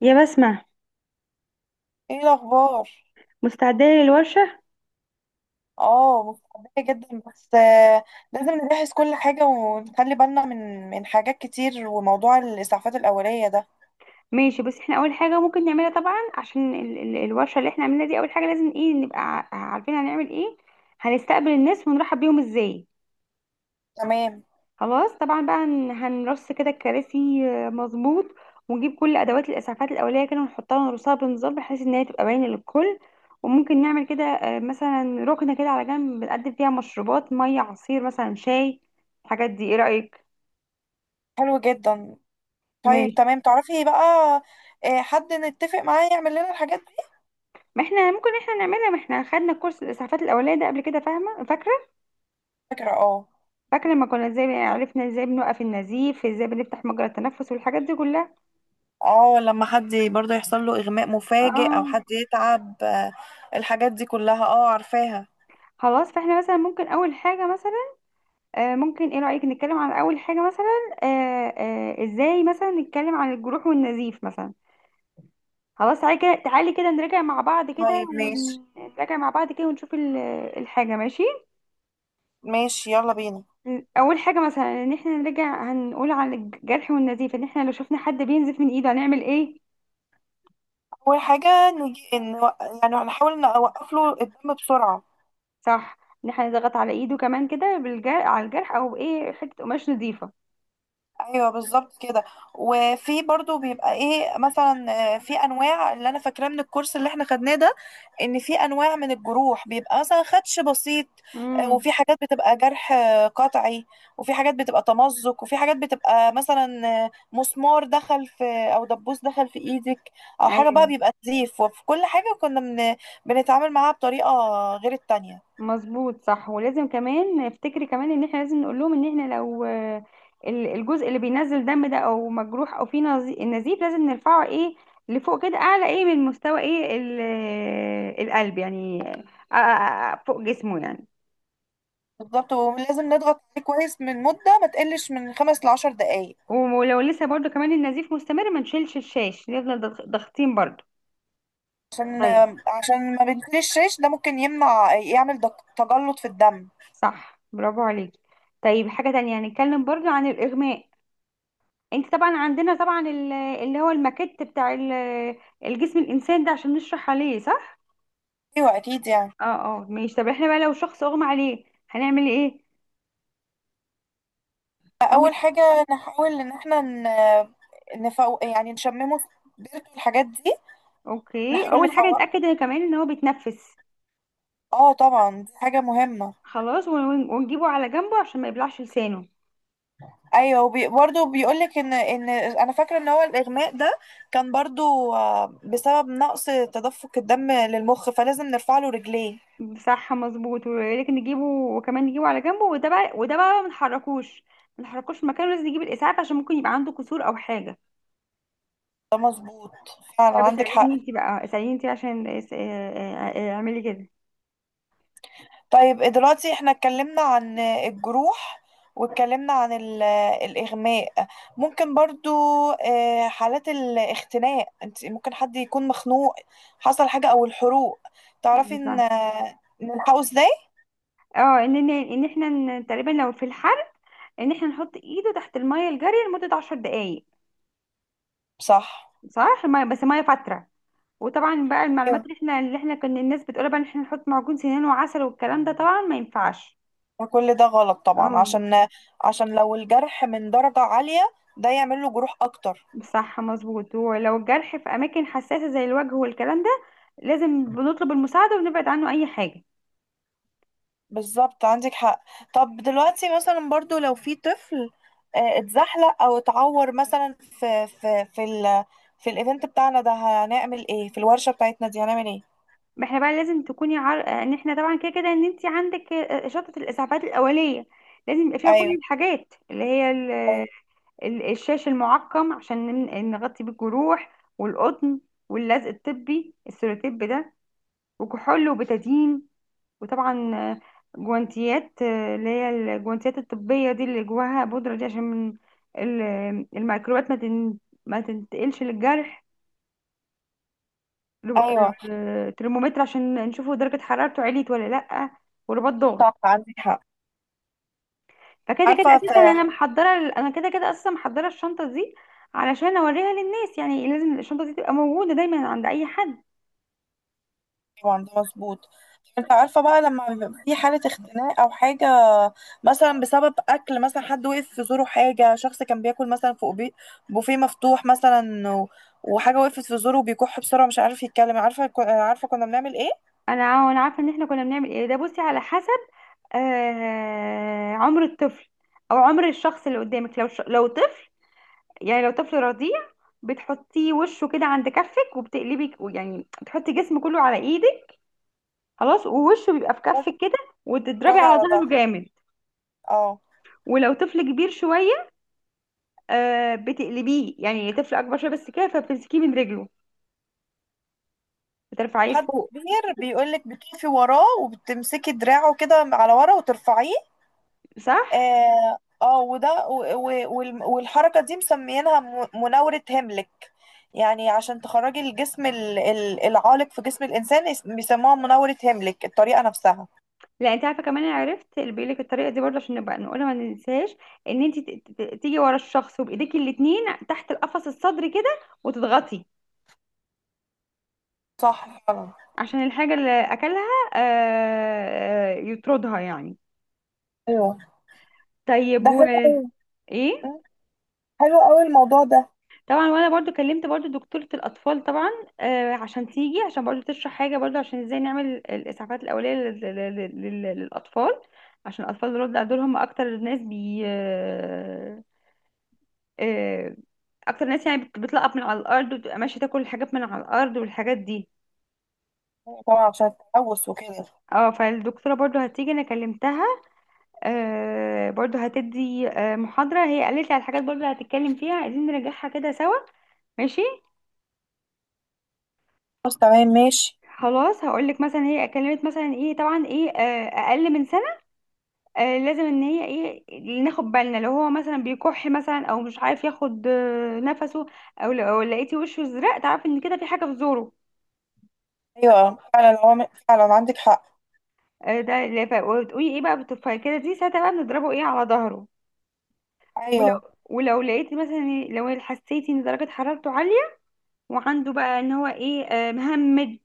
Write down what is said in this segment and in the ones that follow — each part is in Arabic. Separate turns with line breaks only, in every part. يا بسمة،
ايه الاخبار؟
مستعدة للورشة؟
اه متحمسه جدا بس لازم نجهز كل حاجه ونخلي بالنا من حاجات كتير، وموضوع الاسعافات الاوليه ده.
ماشي، بس احنا اول حاجة ممكن نعملها طبعا عشان ال الورشة اللي احنا عملناها دي، اول حاجة لازم ايه، نبقى عارفين هنعمل ايه. هنستقبل الناس ونرحب بيهم ازاي.
تمام.
خلاص طبعا بقى هنرص كده الكراسي. مظبوط. ونجيب كل ادوات الاسعافات الاولية كده ونحطها ونرصها بنظام بحيث ان هي تبقى باينة للكل. وممكن نعمل كده، مثلا ركنة كده على جنب بنقدم فيها مشروبات، مية، عصير مثلا، شاي. الحاجات دي، ايه رأيك؟
حلو جدا. طيب
ماشي.
تمام، تعرفي بقى، حد نتفق معاه يعمل لنا الحاجات دي.
ما احنا ممكن احنا نعملها، ما احنا خدنا كورس الاسعافات الاوليه ده قبل كده، فاهمه؟ فاكره.
فكره اه.
فاكره لما كنا ازاي عرفنا ازاي بنوقف النزيف، ازاي بنفتح مجرى التنفس والحاجات دي كلها.
اه، لما حد برضه يحصل له اغماء مفاجئ او
اه.
حد يتعب. الحاجات دي كلها اه عارفاها.
خلاص فاحنا مثلا ممكن اول حاجه مثلا. ممكن، ايه رايك نتكلم عن اول حاجه مثلا. آه ازاي مثلا نتكلم عن الجروح والنزيف مثلا. خلاص تعالي كده، تعالي كده نراجع مع بعض كده
طيب ماشي.
ونراجع مع بعض كده ونشوف الحاجه. ماشي.
ماشي يلا بينا.
اول حاجه مثلا، ان احنا نرجع هنقول على الجرح والنزيف، ان احنا لو شفنا حد بينزف من ايده هنعمل ايه.
اول حاجه نجي إن، يعني هنحاول نوقف له الدم بسرعه.
صح. ان احنا نضغط على ايده كمان كده، بالجرح، على الجرح، او بايه، حته قماش نظيفه.
ايوه، بالظبط كده. وفي برضو بيبقى ايه مثلا. في انواع، اللي انا فاكراه من الكورس اللي احنا خدناه ده، ان في انواع من الجروح بيبقى مثلا خدش بسيط،
امم.
وفي حاجات بتبقى جرح قطعي، وفي حاجات بتبقى تمزق، وفي حاجات بتبقى مثلا مسمار دخل في، او دبوس دخل في ايدك، او حاجه بقى
ايوه،
بيبقى نزيف. وفي كل حاجه بنتعامل معاها بطريقه غير التانية.
مظبوط صح. ولازم كمان افتكري كمان ان احنا لازم نقول لهم، ان احنا لو الجزء اللي بينزل دم ده، او مجروح، او فيه نزيف، لازم نرفعه ايه، لفوق كده، اعلى ايه، من مستوى ايه القلب يعني. آه، آه، فوق جسمه يعني.
بالظبط. ولازم نضغط عليه كويس من مده ما تقلش من 5 ل10 دقايق.
ولو لسه برضو كمان النزيف مستمر، ما نشيلش الشاش، نفضل ضاغطين برضو.
عشان،
طيب.
ما بنشيل الشيش ده، ممكن يمنع، يعمل تجلط في الدم.
صح، برافو عليكي. طيب، حاجة تانية هنتكلم برضو عن الإغماء. انت طبعا عندنا طبعا اللي هو الماكيت بتاع الجسم، الإنسان ده، عشان نشرح عليه، صح؟
ايوه اكيد يعني.
اه اه، ماشي. طب احنا بقى لو شخص أغمى عليه هنعمل ايه؟ أول
اول حاجه نحاول ان احنا نفوق، يعني نشممه سبيرتو، الحاجات دي.
اوكي،
نحاول
أول حاجة
نفوق.
نتأكد إن كمان ان هو بيتنفس.
اه طبعا دي حاجه مهمه.
خلاص، ونجيبه على جنبه عشان ما يبلعش لسانه.
ايوه، برضه بيقول لك ان، انا فاكره ان هو الاغماء ده كان برضه بسبب نقص تدفق الدم للمخ، فلازم نرفع له رجليه.
صح مظبوط. ولكن نجيبه، وكمان نجيبه على جنبه، وده بقى ما نحركوش في مكانه. لازم نجيب الاسعاف عشان ممكن يبقى عنده كسور او حاجه.
ده مظبوط، فعلا
طب
عندك حق.
اساليني انت بقى، اساليني انت عشان اعملي كده.
طيب إيه دلوقتي، احنا اتكلمنا عن الجروح، واتكلمنا عن الإغماء. ممكن برضو حالات الاختناق. انت ممكن حد يكون مخنوق، حصل حاجة، او الحروق. تعرفي
أنا
ان،
صح.
نلحقه ازاي.
اه، ان احنا تقريبا لو في الحر، ان احنا نحط ايده تحت الميه الجاريه لمده 10 دقائق.
صح.
صح، الميه بس، ميه فتره. وطبعا بقى المعلومات
ايوه،
اللي احنا كنا الناس بتقول بقى ان احنا نحط معجون سنان وعسل والكلام ده، طبعا ما ينفعش.
وكل ده غلط طبعا.
اه.
عشان، عشان لو الجرح من درجة عالية، ده يعمل له جروح اكتر.
صح مظبوط. ولو الجرح في اماكن حساسه زي الوجه والكلام ده، لازم بنطلب المساعده ونبعد عنه اي حاجه.
بالظبط عندك حق. طب دلوقتي مثلا، برضو لو في طفل اتزحلق او اتعور مثلا، في الايفنت بتاعنا ده هنعمل ايه؟ في الورشة بتاعتنا دي هنعمل ايه؟
ما احنا بقى لازم تكوني ان احنا طبعا كده كده ان انت عندك شنطه الاسعافات الاوليه، لازم يبقى فيها كل
ايوه،
الحاجات اللي هي
ايوه.
الشاش المعقم عشان نغطي بيه الجروح، والقطن، واللزق الطبي، السيروتيب ده، وكحول وبتادين، وطبعا جوانتيات، اللي هي الجوانتيات الطبية دي اللي جواها بودرة دي، عشان ال- الميكروبات ما تنتقلش للجرح لو،
أيوة،
ترمومتر عشان نشوفه درجة حرارته عليت ولا لأ، ورباط
صح
ضغط.
عندك حق.
فكده كده
عارفة
أساسا
في.
أنا كده كده أساسا محضرة الشنطة دي علشان أوريها للناس، يعني لازم الشنطة دي تبقى موجودة دايما عند أي حد.
طبعا ده مظبوط. انت عارفة بقى، لما بيبقى في حالة اختناق او حاجة، مثلا بسبب اكل. مثلا حد وقف في زوره حاجة، شخص كان بياكل مثلا فوق بوفيه مفتوح مثلا، وحاجة وقفت في زوره، وبيكح بسرعة، مش عارف يتكلم. عارفة عارفة كنا بنعمل ايه؟
أنا أنا عارفة إن إحنا كنا بنعمل إيه ده. بصي، على حسب عمر الطفل او عمر الشخص اللي قدامك. لو لو طفل، يعني لو طفل رضيع، بتحطيه وشه كده عند كفك وبتقلبي، يعني بتحطي جسم كله على ايدك، خلاص، ووشه بيبقى في كفك كده، وتضربي
تضربي
على
على
ظهره
ظهره.
جامد.
اه.
ولو طفل كبير شوية، بتقلبيه، يعني طفل اكبر شوية بس كده، فبتمسكيه من رجله، بترفعيه
حد
فوق.
كبير بيقولك بتقفي وراه وبتمسكي دراعه كده على ورا وترفعيه.
صح.
اه، وده والحركة دي مسميينها مناورة هيملك، يعني عشان تخرجي الجسم العالق في جسم الإنسان. بيسموها مناورة هيملك، الطريقة نفسها.
لا، انت عارفه كمان، انا عرفت اللي بيقول لك الطريقه دي برضه عشان نبقى نقولها، ما ننساهاش. ان انت تيجي ورا الشخص، وبايديكي الاتنين تحت القفص الصدري كده وتضغطي
صح فعلا.
عشان الحاجه اللي اكلها يطردها يعني.
ايوه،
طيب،
ده حلو.
ايه.
مم. حلو قوي الموضوع ده.
طبعا، وانا برضو كلمت برضو دكتورة الاطفال طبعا، عشان تيجي عشان برضو تشرح حاجة، برضو عشان ازاي نعمل الاسعافات الاولية للاطفال، عشان الاطفال دول هم اكتر الناس بي آه اكتر ناس يعني بتلقط من على الارض، وبتبقى ماشيه تاكل الحاجات من على الارض والحاجات دي.
طبعا، عشان التلوث وكده.
اه، فالدكتوره برضو هتيجي، انا كلمتها، برضو هتدي محاضره، هي قالت لي على الحاجات برضو اللي هتتكلم فيها، عايزين نراجعها كده سوا. ماشي.
خلاص تمام ماشي.
خلاص، هقول لك مثلا هي اتكلمت مثلا ايه. طبعا ايه، اقل من سنه، لازم ان هي ايه، ناخد بالنا لو هو مثلا بيكح مثلا، او مش عارف ياخد نفسه، او لو لقيتي وشه ازرق، تعرف ان كده في حاجه في زوره.
ايوه فعلا، هو فعلا عندك حق.
ده اللي وتقولي ايه بقى، بالتفاية كده دي، ساعتها بقى بنضربه ايه، على ظهره. ولو
ايوه،
ولو لقيتي مثلا لو حسيتي ان درجة حرارته عالية، وعنده بقى ان هو ايه، مهمد،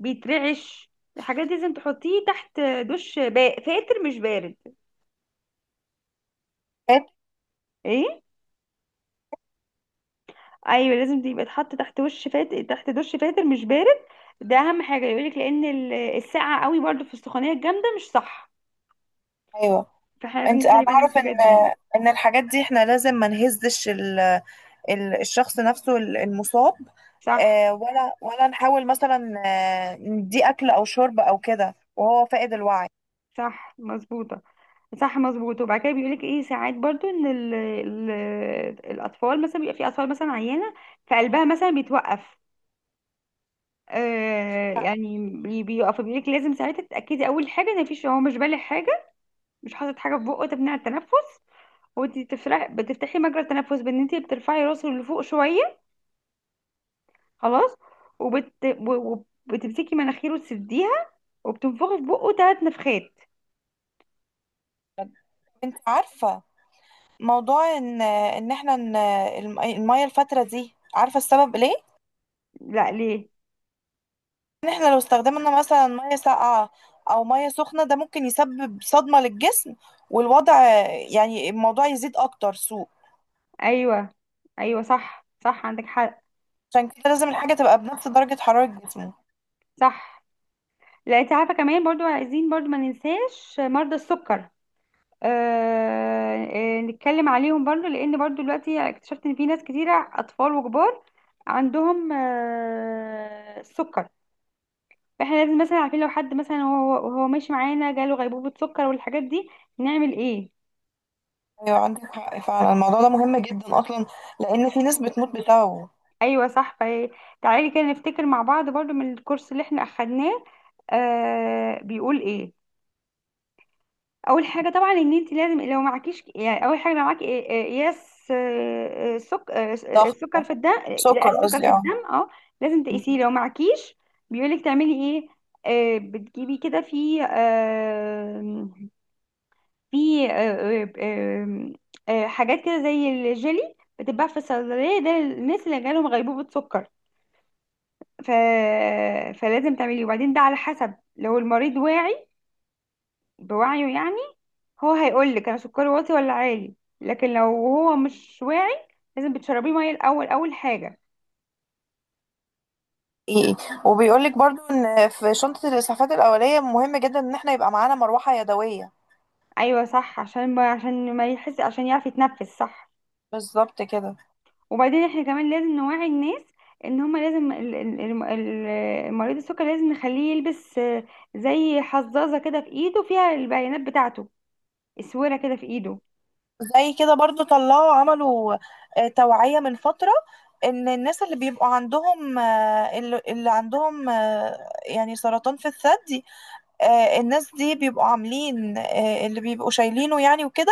بيترعش، الحاجات دي، لازم تحطيه تحت دش فاتر، مش بارد.
فات-.
ايه؟ ايوه، لازم يبقى يتحط تحت وش فاتر، تحت دش فاتر، مش بارد. ده اهم حاجه يقولك، لان السقعه قوي برضو في السخونيه الجامده، مش صح.
ايوه.
فاحنا لازم
انت، انا
نخلي بالنا من
اعرف ان
الحاجات دي.
الحاجات دي احنا لازم ما نهزش الشخص نفسه المصاب،
صح،
ولا نحاول مثلا نديه اكل او شرب او كده وهو فاقد الوعي.
صح، مظبوطه. صح، مظبوط. وبعد كده بيقولك ايه، ساعات برضو ان ال ال الاطفال مثلا، بيبقى في اطفال مثلا عيانه، فقلبها مثلا بيتوقف، يعني بيقف، بيقولك لازم ساعتها تتاكدي اول حاجه ان مفيش، هو مش بالغ حاجه، مش حاطط حاجه في بقه تمنع التنفس، وانت تفرح بتفتحي مجرى التنفس بان انت بترفعي راسه لفوق شويه. خلاص، وبت و- و- وبتمسكي مناخيره تسديها، وبتنفخي في بقه ثلاث نفخات.
انت عارفه موضوع ان، احنا ان الميه الفتره دي، عارفه السبب ليه؟
لا، ليه؟
ان احنا لو استخدمنا مثلا ميه ساقعه او ميه سخنه، ده ممكن يسبب صدمه للجسم والوضع، يعني الموضوع يزيد اكتر سوء.
ايوه، ايوه، صح صح، عندك حق.
عشان كده لازم الحاجه تبقى بنفس درجه حراره جسمه
صح. لا، انت عارفه كمان، برضو عايزين برضو ما ننساش مرضى السكر. نتكلم عليهم برضو، لان برضو دلوقتي اكتشفت ان في ناس كتيره، اطفال وكبار، عندهم السكر. فاحنا لازم مثلا عارفين لو حد مثلا، هو ماشي معانا جاله غيبوبه سكر والحاجات دي، نعمل ايه.
ايوه عندك حق، فعلا الموضوع ده مهم جدا اصلا، لان في ناس بتموت بسببه.
ايوه صح. تعالي كده نفتكر مع بعض برضو من الكورس اللي احنا اخدناه، بيقول ايه. اول حاجه طبعا، ان انت لازم لو معكيش، يعني اول حاجه لو معاكي إيه- إيه، ياس آه، آه، سك... آه، آه،
ضغط.
السكر في الدم. لا،
سكر
السكر في
قصدي اه.
الدم، اه. لازم تقيسيه. لو معكيش، بيقولك تعملي ايه. بتجيبي كده في آه، في آه، آه، آه، آه، حاجات كده زي الجيلي، بتتباع في الصيدليه ده، للناس اللي جالهم غيبوبه سكر، ف... فلازم تعمليه. وبعدين ده على حسب، لو المريض واعي، بوعيه يعني، هو هيقول لك انا سكري واطي ولا عالي. لكن لو هو مش واعي، لازم بتشربيه ميه الاول، اول حاجه.
ايه، وبيقول لك برضو ان في شنطة الاسعافات الاولية مهم جدا ان احنا يبقى معانا مروحة يدوية.
ايوه صح، عشان ما يحس، عشان يعرف يتنفس صح.
بالظبط كده.
وبعدين احنا كمان لازم نوعي الناس ان هما لازم مريض السكر لازم نخليه يلبس زي حظاظه كده في ايده فيها البيانات بتاعته، اسوره كده في ايده.
زي كده برضو طلعوا عملوا توعية من فترة، ان الناس اللي بيبقوا عندهم، اللي عندهم يعني سرطان في الثدي. الناس دي بيبقوا عاملين اللي بيبقوا شايلينه يعني وكده.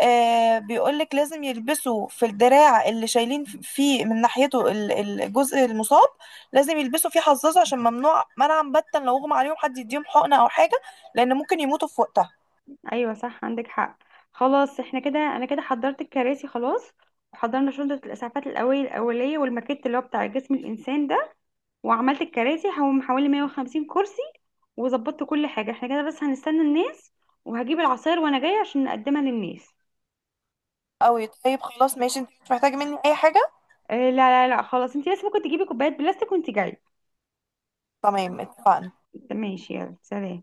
آه بيقولك لازم يلبسوا في الدراع اللي شايلين فيه من ناحيته الجزء المصاب، لازم يلبسوا فيه حظاظه، عشان ممنوع منعا باتا لو اغمى عليهم حد يديهم حقنة او حاجة، لان ممكن يموتوا في وقتها.
ايوه، صح، عندك حق. خلاص، احنا كده، انا كده حضرت الكراسي خلاس، وحضرنا شنطه الاسعافات الاوليه والماكيت اللي هو بتاع جسم الانسان ده. وعملت الكراسي، حوالي 150 كرسي، وظبطت كل حاجة. احنا كده بس هنستنى الناس، وهجيب العصاير وانا جاية عشان نقدمها للناس.
او طيب خلاص ماشي، انت مش محتاجة مني اي حاجة.
لا لا لا، خلاص، انت لسه ممكن تجيبي كوبايات بلاستيك وانت جاية.
تمام، اتفقنا.
ماشي، يلا، سلام.